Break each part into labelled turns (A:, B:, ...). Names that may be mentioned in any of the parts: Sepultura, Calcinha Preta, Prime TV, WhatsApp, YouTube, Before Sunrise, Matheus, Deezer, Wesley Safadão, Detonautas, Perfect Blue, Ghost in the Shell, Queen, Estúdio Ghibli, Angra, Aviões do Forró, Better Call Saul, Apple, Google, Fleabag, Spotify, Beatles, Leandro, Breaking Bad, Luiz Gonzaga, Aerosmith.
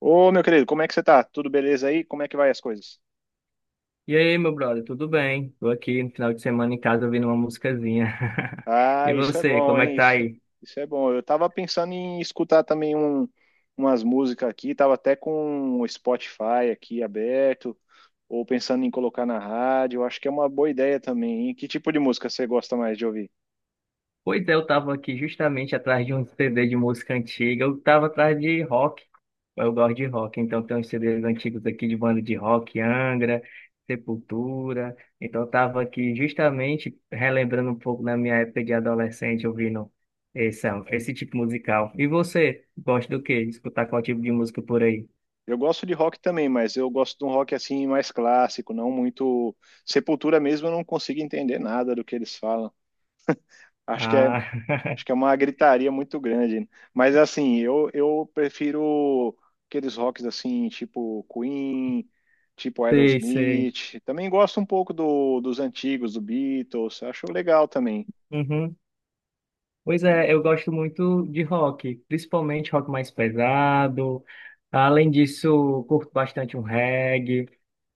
A: Ô, meu querido, como é que você tá? Tudo beleza aí? Como é que vai as coisas?
B: E aí, meu brother, tudo bem? Tô aqui no final de semana em casa ouvindo uma musicazinha. E
A: Ah, isso é
B: você,
A: bom,
B: como é que
A: hein?
B: tá
A: Isso,
B: aí?
A: isso é bom. Eu tava pensando em escutar também umas músicas aqui, tava até com o Spotify aqui aberto, ou pensando em colocar na rádio. Eu acho que é uma boa ideia também, hein? Que tipo de música você gosta mais de ouvir?
B: Pois é, eu tava aqui justamente atrás de um CD de música antiga. Eu tava atrás de rock. Eu gosto de rock, então tem uns CDs antigos aqui de banda de rock, Angra, Sepultura. Então eu tava aqui justamente relembrando um pouco da minha época de adolescente ouvindo esse tipo musical. E você, gosta do quê? Escutar qual tipo de música por aí?
A: Eu gosto de rock também, mas eu gosto de um rock assim mais clássico, não muito. Sepultura mesmo, eu não consigo entender nada do que eles falam. Acho que é, Acho
B: Ah,
A: que é uma gritaria muito grande, né? Mas assim, eu prefiro aqueles rocks assim, tipo Queen, tipo
B: sei, sei.
A: Aerosmith. Também gosto um pouco dos antigos, do Beatles. Acho legal também.
B: Uhum. Pois
A: E-
B: é, eu gosto muito de rock, principalmente rock mais pesado. Além disso, curto bastante um reggae.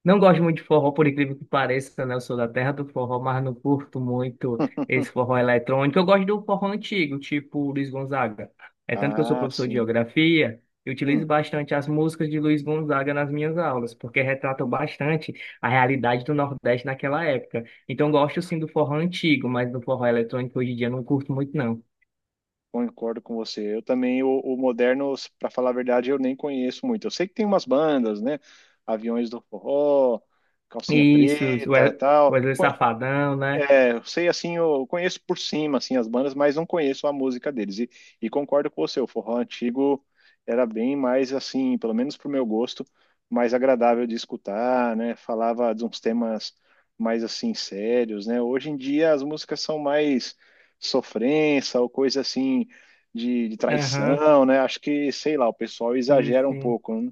B: Não gosto muito de forró, por incrível que pareça, né? Eu sou da terra do forró, mas não curto muito esse forró eletrônico. Eu gosto do forró antigo, tipo Luiz Gonzaga. É tanto que eu sou
A: Ah,
B: professor de
A: sim.
B: geografia, eu utilizo
A: Hum,
B: bastante as músicas de Luiz Gonzaga nas minhas aulas, porque retratam bastante a realidade do Nordeste naquela época. Então, eu gosto sim do forró antigo, mas do forró eletrônico hoje em dia eu não curto muito, não.
A: concordo com você. Eu também, o moderno, para falar a verdade, eu nem conheço muito. Eu sei que tem umas bandas, né? Aviões do Forró, Calcinha
B: Isso,
A: Preta,
B: o
A: tal.
B: Wesley Safadão, né?
A: É, eu sei assim, eu conheço por cima assim as bandas, mas não conheço a música deles. E concordo com você, o forró antigo era bem mais assim, pelo menos pro meu gosto, mais agradável de escutar, né? Falava de uns temas mais assim sérios, né? Hoje em dia as músicas são mais sofrência ou coisa assim de
B: Aham,
A: traição, né? Acho que, sei lá, o pessoal
B: sim,
A: exagera um
B: sim.
A: pouco, né?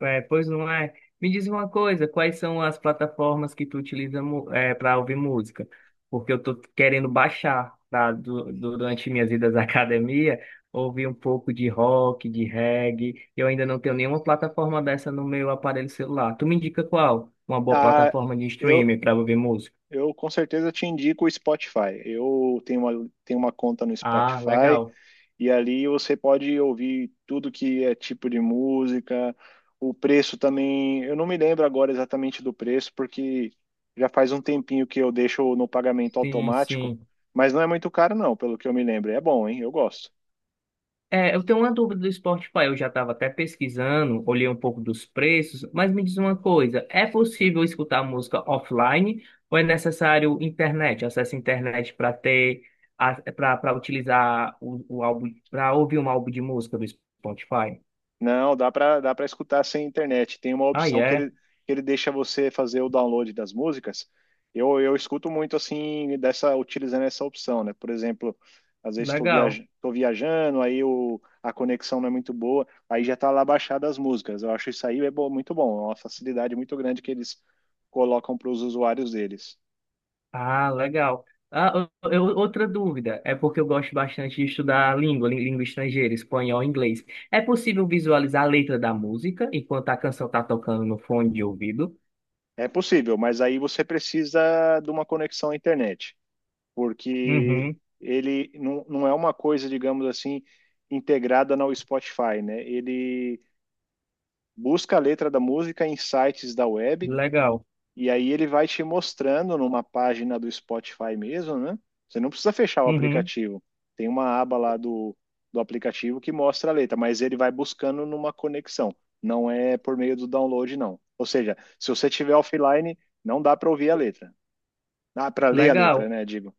B: É, pois não é. Me diz uma coisa, quais são as plataformas que tu utiliza para ouvir música? Porque eu tô querendo baixar, tá? Durante minhas idas à academia, ouvir um pouco de rock, de reggae. Eu ainda não tenho nenhuma plataforma dessa no meu aparelho celular. Tu me indica qual? Uma boa
A: Ah,
B: plataforma de
A: eu,
B: streaming para ouvir música?
A: Eu com certeza te indico o Spotify. Eu tenho tenho uma conta no
B: Ah,
A: Spotify
B: legal.
A: e ali você pode ouvir tudo que é tipo de música. O preço também, eu não me lembro agora exatamente do preço, porque já faz um tempinho que eu deixo no pagamento
B: Sim,
A: automático,
B: sim.
A: mas não é muito caro, não, pelo que eu me lembro. É bom, hein? Eu gosto.
B: É, eu tenho uma dúvida do Spotify. Eu já estava até pesquisando, olhei um pouco dos preços, mas me diz uma coisa: é possível escutar música offline ou é necessário internet, acesso à internet para ter, para utilizar o álbum, para ouvir um álbum de música do Spotify?
A: Não, dá para escutar sem internet. Tem uma
B: Ah,
A: opção que
B: é,
A: que ele deixa você fazer o download das músicas. Eu escuto muito assim dessa utilizando essa opção, né? Por exemplo, às vezes estou
B: legal.
A: viaj tô viajando, aí a conexão não é muito boa, aí já tá lá baixada as músicas. Eu acho isso aí é muito bom, é uma facilidade muito grande que eles colocam para os usuários deles.
B: Ah, legal. Ah, outra dúvida, é porque eu gosto bastante de estudar língua, língua estrangeira, espanhol, inglês. É possível visualizar a letra da música enquanto a canção está tocando no fone de ouvido?
A: É possível, mas aí você precisa de uma conexão à internet, porque
B: Uhum,
A: ele não, não é uma coisa, digamos assim, integrada no Spotify, né? Ele busca a letra da música em sites da web
B: legal.
A: e aí ele vai te mostrando numa página do Spotify mesmo, né? Você não precisa fechar o
B: Uhum,
A: aplicativo. Tem uma aba lá do aplicativo que mostra a letra, mas ele vai buscando numa conexão. Não é por meio do download, não. Ou seja, se você tiver offline, não dá para ouvir a letra. Dá para ler a letra,
B: legal.
A: né? Digo,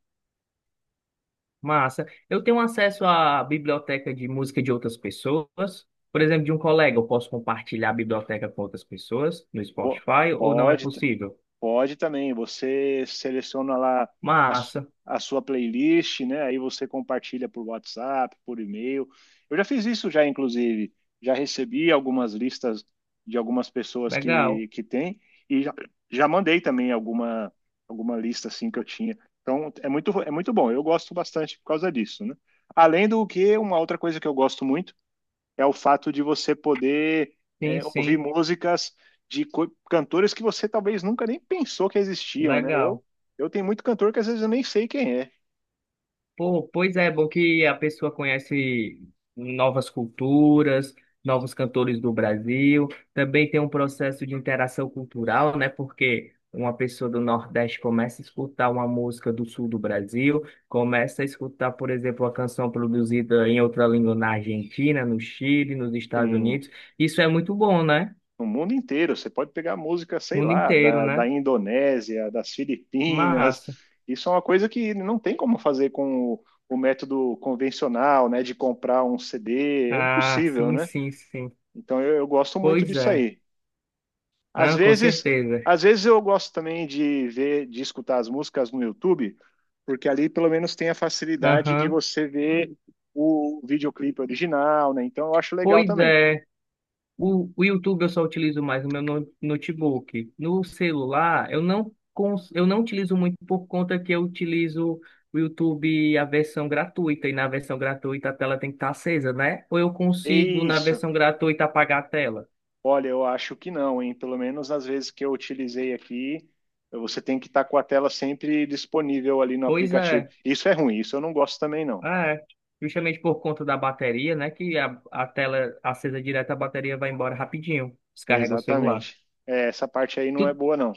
B: Massa. Eu tenho acesso à biblioteca de música de outras pessoas? Por exemplo, de um colega, eu posso compartilhar a biblioteca com outras pessoas no
A: pô,
B: Spotify ou não é
A: pode.
B: possível?
A: Pode também, você seleciona lá a, su-
B: Massa.
A: a sua playlist, né? Aí você compartilha por WhatsApp, por e-mail. Eu já fiz isso já, inclusive. Já recebi algumas listas de algumas pessoas
B: Legal.
A: que têm e já mandei também alguma lista assim que eu tinha. Então, é muito bom. Eu gosto bastante por causa disso, né? Além do que, uma outra coisa que eu gosto muito é o fato de você poder
B: Sim,
A: é, ouvir
B: sim.
A: músicas de cantores que você talvez nunca nem pensou que existiam, né?
B: Legal.
A: Eu tenho muito cantor que às vezes eu nem sei quem é.
B: Pô, pois é, é bom que a pessoa conhece novas culturas, novos cantores do Brasil. Também tem um processo de interação cultural, né? Porque uma pessoa do Nordeste começa a escutar uma música do Sul do Brasil, começa a escutar, por exemplo, uma canção produzida em outra língua na Argentina, no Chile, nos Estados
A: Tem
B: Unidos. Isso é muito bom, né?
A: no mundo inteiro, você pode pegar música, sei
B: Mundo
A: lá,
B: inteiro,
A: da
B: né?
A: Indonésia, das Filipinas.
B: Massa.
A: Isso é uma coisa que não tem como fazer com o método convencional, né? De comprar um CD, é
B: Ah,
A: impossível,
B: sim,
A: né?
B: sim, sim.
A: Então eu gosto muito
B: Pois
A: disso
B: é.
A: aí. Às
B: Não, com
A: vezes,
B: certeza.
A: às vezes eu gosto também de ver, de escutar as músicas no YouTube, porque ali pelo menos tem a facilidade de
B: Aham.
A: você ver o videoclipe original, né? Então eu acho legal
B: Pois
A: também.
B: é. O YouTube eu só utilizo mais no meu notebook. No celular, eu não, eu não utilizo muito por conta que eu utilizo o YouTube a versão gratuita, e na versão gratuita a tela tem que estar acesa, né? Ou eu
A: É
B: consigo, na
A: isso.
B: versão gratuita, apagar a tela?
A: Olha, eu acho que não, hein? Pelo menos as vezes que eu utilizei aqui, você tem que estar com a tela sempre disponível ali no
B: Pois
A: aplicativo.
B: é,
A: Isso é ruim, isso eu não gosto também, não.
B: é. Justamente por conta da bateria, né? Que a tela acesa direto, a bateria vai embora rapidinho. Descarrega o celular.
A: Exatamente. É, essa parte aí não é
B: Tu,
A: boa, não.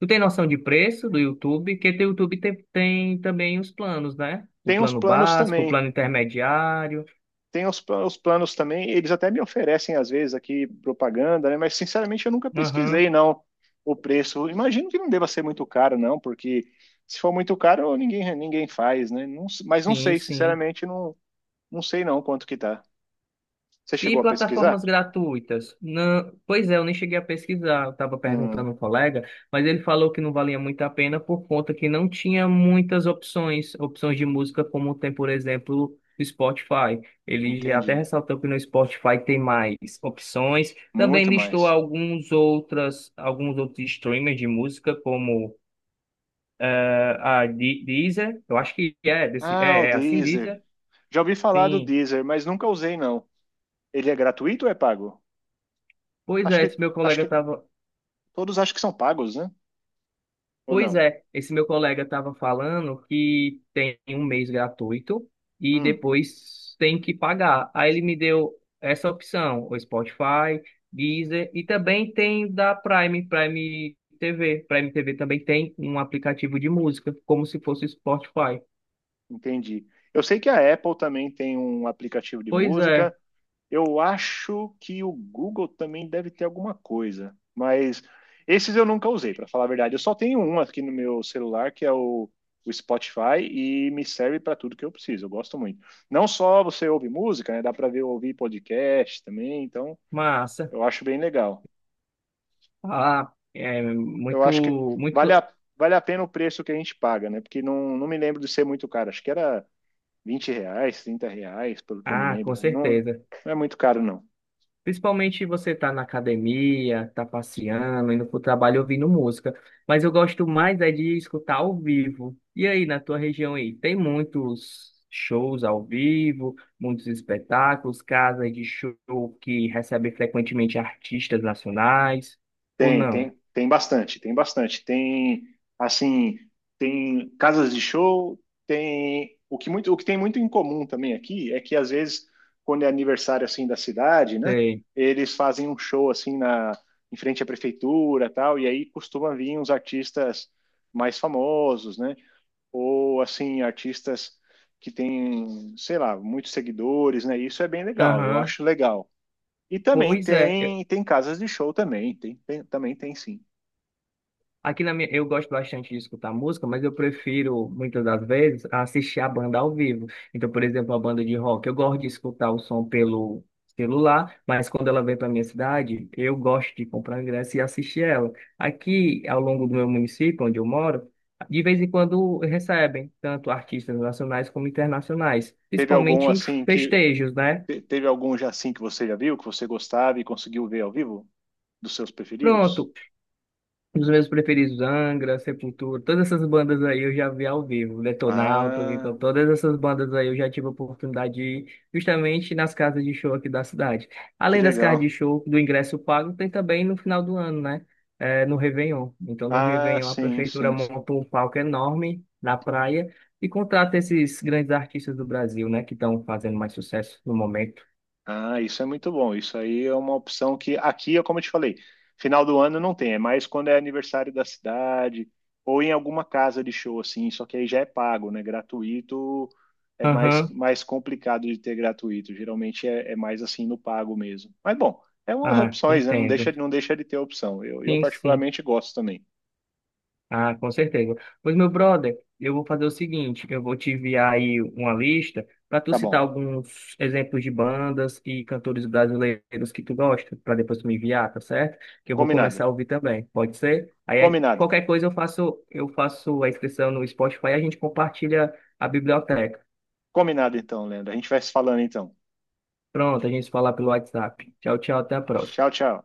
B: Tu tem noção de preço do YouTube? Porque o YouTube tem, tem também os planos, né? O
A: Tem uns
B: plano
A: planos
B: básico, o
A: também
B: plano intermediário.
A: tem os planos também, eles até me oferecem às vezes aqui propaganda, né? Mas sinceramente eu nunca pesquisei
B: Aham.
A: não o preço. Imagino que não deva ser muito caro não, porque se for muito caro ninguém faz, né? Não- mas não
B: Sim,
A: sei,
B: sim.
A: sinceramente não não sei não quanto que tá. Você
B: E
A: chegou a
B: plataformas
A: pesquisar?
B: gratuitas? Não, pois é, eu nem cheguei a pesquisar. Eu estava
A: Hum,
B: perguntando a um colega, mas ele falou que não valia muito a pena por conta que não tinha muitas opções, opções de música como tem, por exemplo, o Spotify. Ele já até
A: entendi.
B: ressaltou que no Spotify tem mais opções. Também
A: Muito
B: listou
A: mais.
B: alguns outras, alguns outros streamers de música como a Deezer. Eu acho que é desse,
A: Ah, o
B: é, é assim
A: Deezer.
B: Deezer.
A: Já ouvi falar do
B: Sim.
A: Deezer, mas nunca usei não. Ele é gratuito ou é pago?
B: Pois
A: Acho
B: é,
A: que
B: esse meu
A: acho
B: colega
A: que
B: estava
A: todos acham que são pagos, né? Ou
B: Pois
A: não?
B: é, esse meu colega estava falando que tem um mês gratuito e
A: Hum.
B: depois tem que pagar. Aí ele me deu essa opção, o Spotify, Deezer e também tem da Prime, Prime TV. Prime TV também tem um aplicativo de música, como se fosse o Spotify.
A: Entendi. Eu sei que a Apple também tem um aplicativo de
B: Pois
A: música.
B: é,
A: Eu acho que o Google também deve ter alguma coisa, mas esses eu nunca usei, para falar a verdade. Eu só tenho um aqui no meu celular, que é o Spotify, e me serve para tudo que eu preciso. Eu gosto muito. Não só você ouve música, né? Dá para ver ouvir podcast também, então
B: massa.
A: eu acho bem legal.
B: Ah, é
A: Eu
B: muito,
A: acho que vale
B: muito.
A: a, vale a pena o preço que a gente paga, né? Porque não, não me lembro de ser muito caro. Acho que era 20 reais, 30 reais, pelo que eu me
B: Ah, com
A: lembro. Não,
B: certeza.
A: não é muito caro, não.
B: Principalmente você tá na academia, tá passeando, indo pro trabalho ouvindo música. Mas eu gosto mais é de escutar ao vivo. E aí, na tua região aí, tem muitos shows ao vivo, muitos espetáculos, casas de show que recebem frequentemente artistas nacionais, ou não?
A: Tem bastante, tem bastante. Assim, tem casas de show, tem. O que muito, o que tem muito em comum também aqui é que, às vezes, quando é aniversário, assim, da cidade, né?
B: Sei.
A: Eles fazem um show, assim, em frente à prefeitura, tal, e aí costuma vir uns artistas mais famosos, né? Ou assim artistas que têm, sei lá, muitos seguidores, né? Isso é bem legal, eu
B: Aham.
A: acho legal. E também
B: Pois é,
A: tem casas de show também, também tem sim.
B: aqui na minha, eu gosto bastante de escutar música, mas eu prefiro, muitas das vezes, assistir a banda ao vivo. Então, por exemplo, a banda de rock, eu gosto de escutar o som pelo celular, mas quando ela vem para minha cidade, eu gosto de comprar ingresso e assistir ela. Aqui, ao longo do meu município, onde eu moro, de vez em quando recebem tanto artistas nacionais como internacionais,
A: Teve algum
B: principalmente em
A: assim que
B: festejos, né?
A: Teve algum já assim que você já viu, que você gostava e conseguiu ver ao vivo dos seus preferidos?
B: Pronto, um meus preferidos, Angra, Sepultura, todas essas bandas aí eu já vi ao vivo, Detonautas,
A: Ah,
B: então todas essas bandas aí eu já tive a oportunidade de ir justamente nas casas de show aqui da cidade.
A: que
B: Além das casas de
A: legal.
B: show, do ingresso pago, tem também no final do ano, né? É, no Réveillon. Então no
A: Ah,
B: Réveillon a
A: sim,
B: prefeitura
A: sim, sim.
B: monta um palco enorme na praia e contrata esses grandes artistas do Brasil, né? Que estão fazendo mais sucesso no momento.
A: Ah, isso é muito bom. Isso aí é uma opção que aqui, é como eu te falei, final do ano não tem, é mais quando é aniversário da cidade ou em alguma casa de show assim, só que aí já é pago, né? Gratuito é
B: Aham,
A: mais complicado de ter gratuito. Geralmente é mais assim no pago mesmo. Mas bom, é umas
B: ah,
A: opções, né?
B: entendo.
A: Não deixa de ter opção. Eu
B: Sim, sim.
A: particularmente gosto também.
B: Ah, com certeza. Pois, meu brother, eu vou fazer o seguinte, eu vou te enviar aí uma lista para tu
A: Tá
B: citar
A: bom.
B: alguns exemplos de bandas e cantores brasileiros que tu gosta, para depois tu me enviar, tá certo? Que eu vou
A: Combinado.
B: começar a ouvir também, pode ser?
A: Combinado.
B: Qualquer coisa eu faço a inscrição no Spotify e a gente compartilha a biblioteca.
A: Combinado então, Leandro. A gente vai se falando então.
B: Pronto, a gente se fala pelo WhatsApp. Tchau, tchau, até a próxima.
A: Tchau, tchau.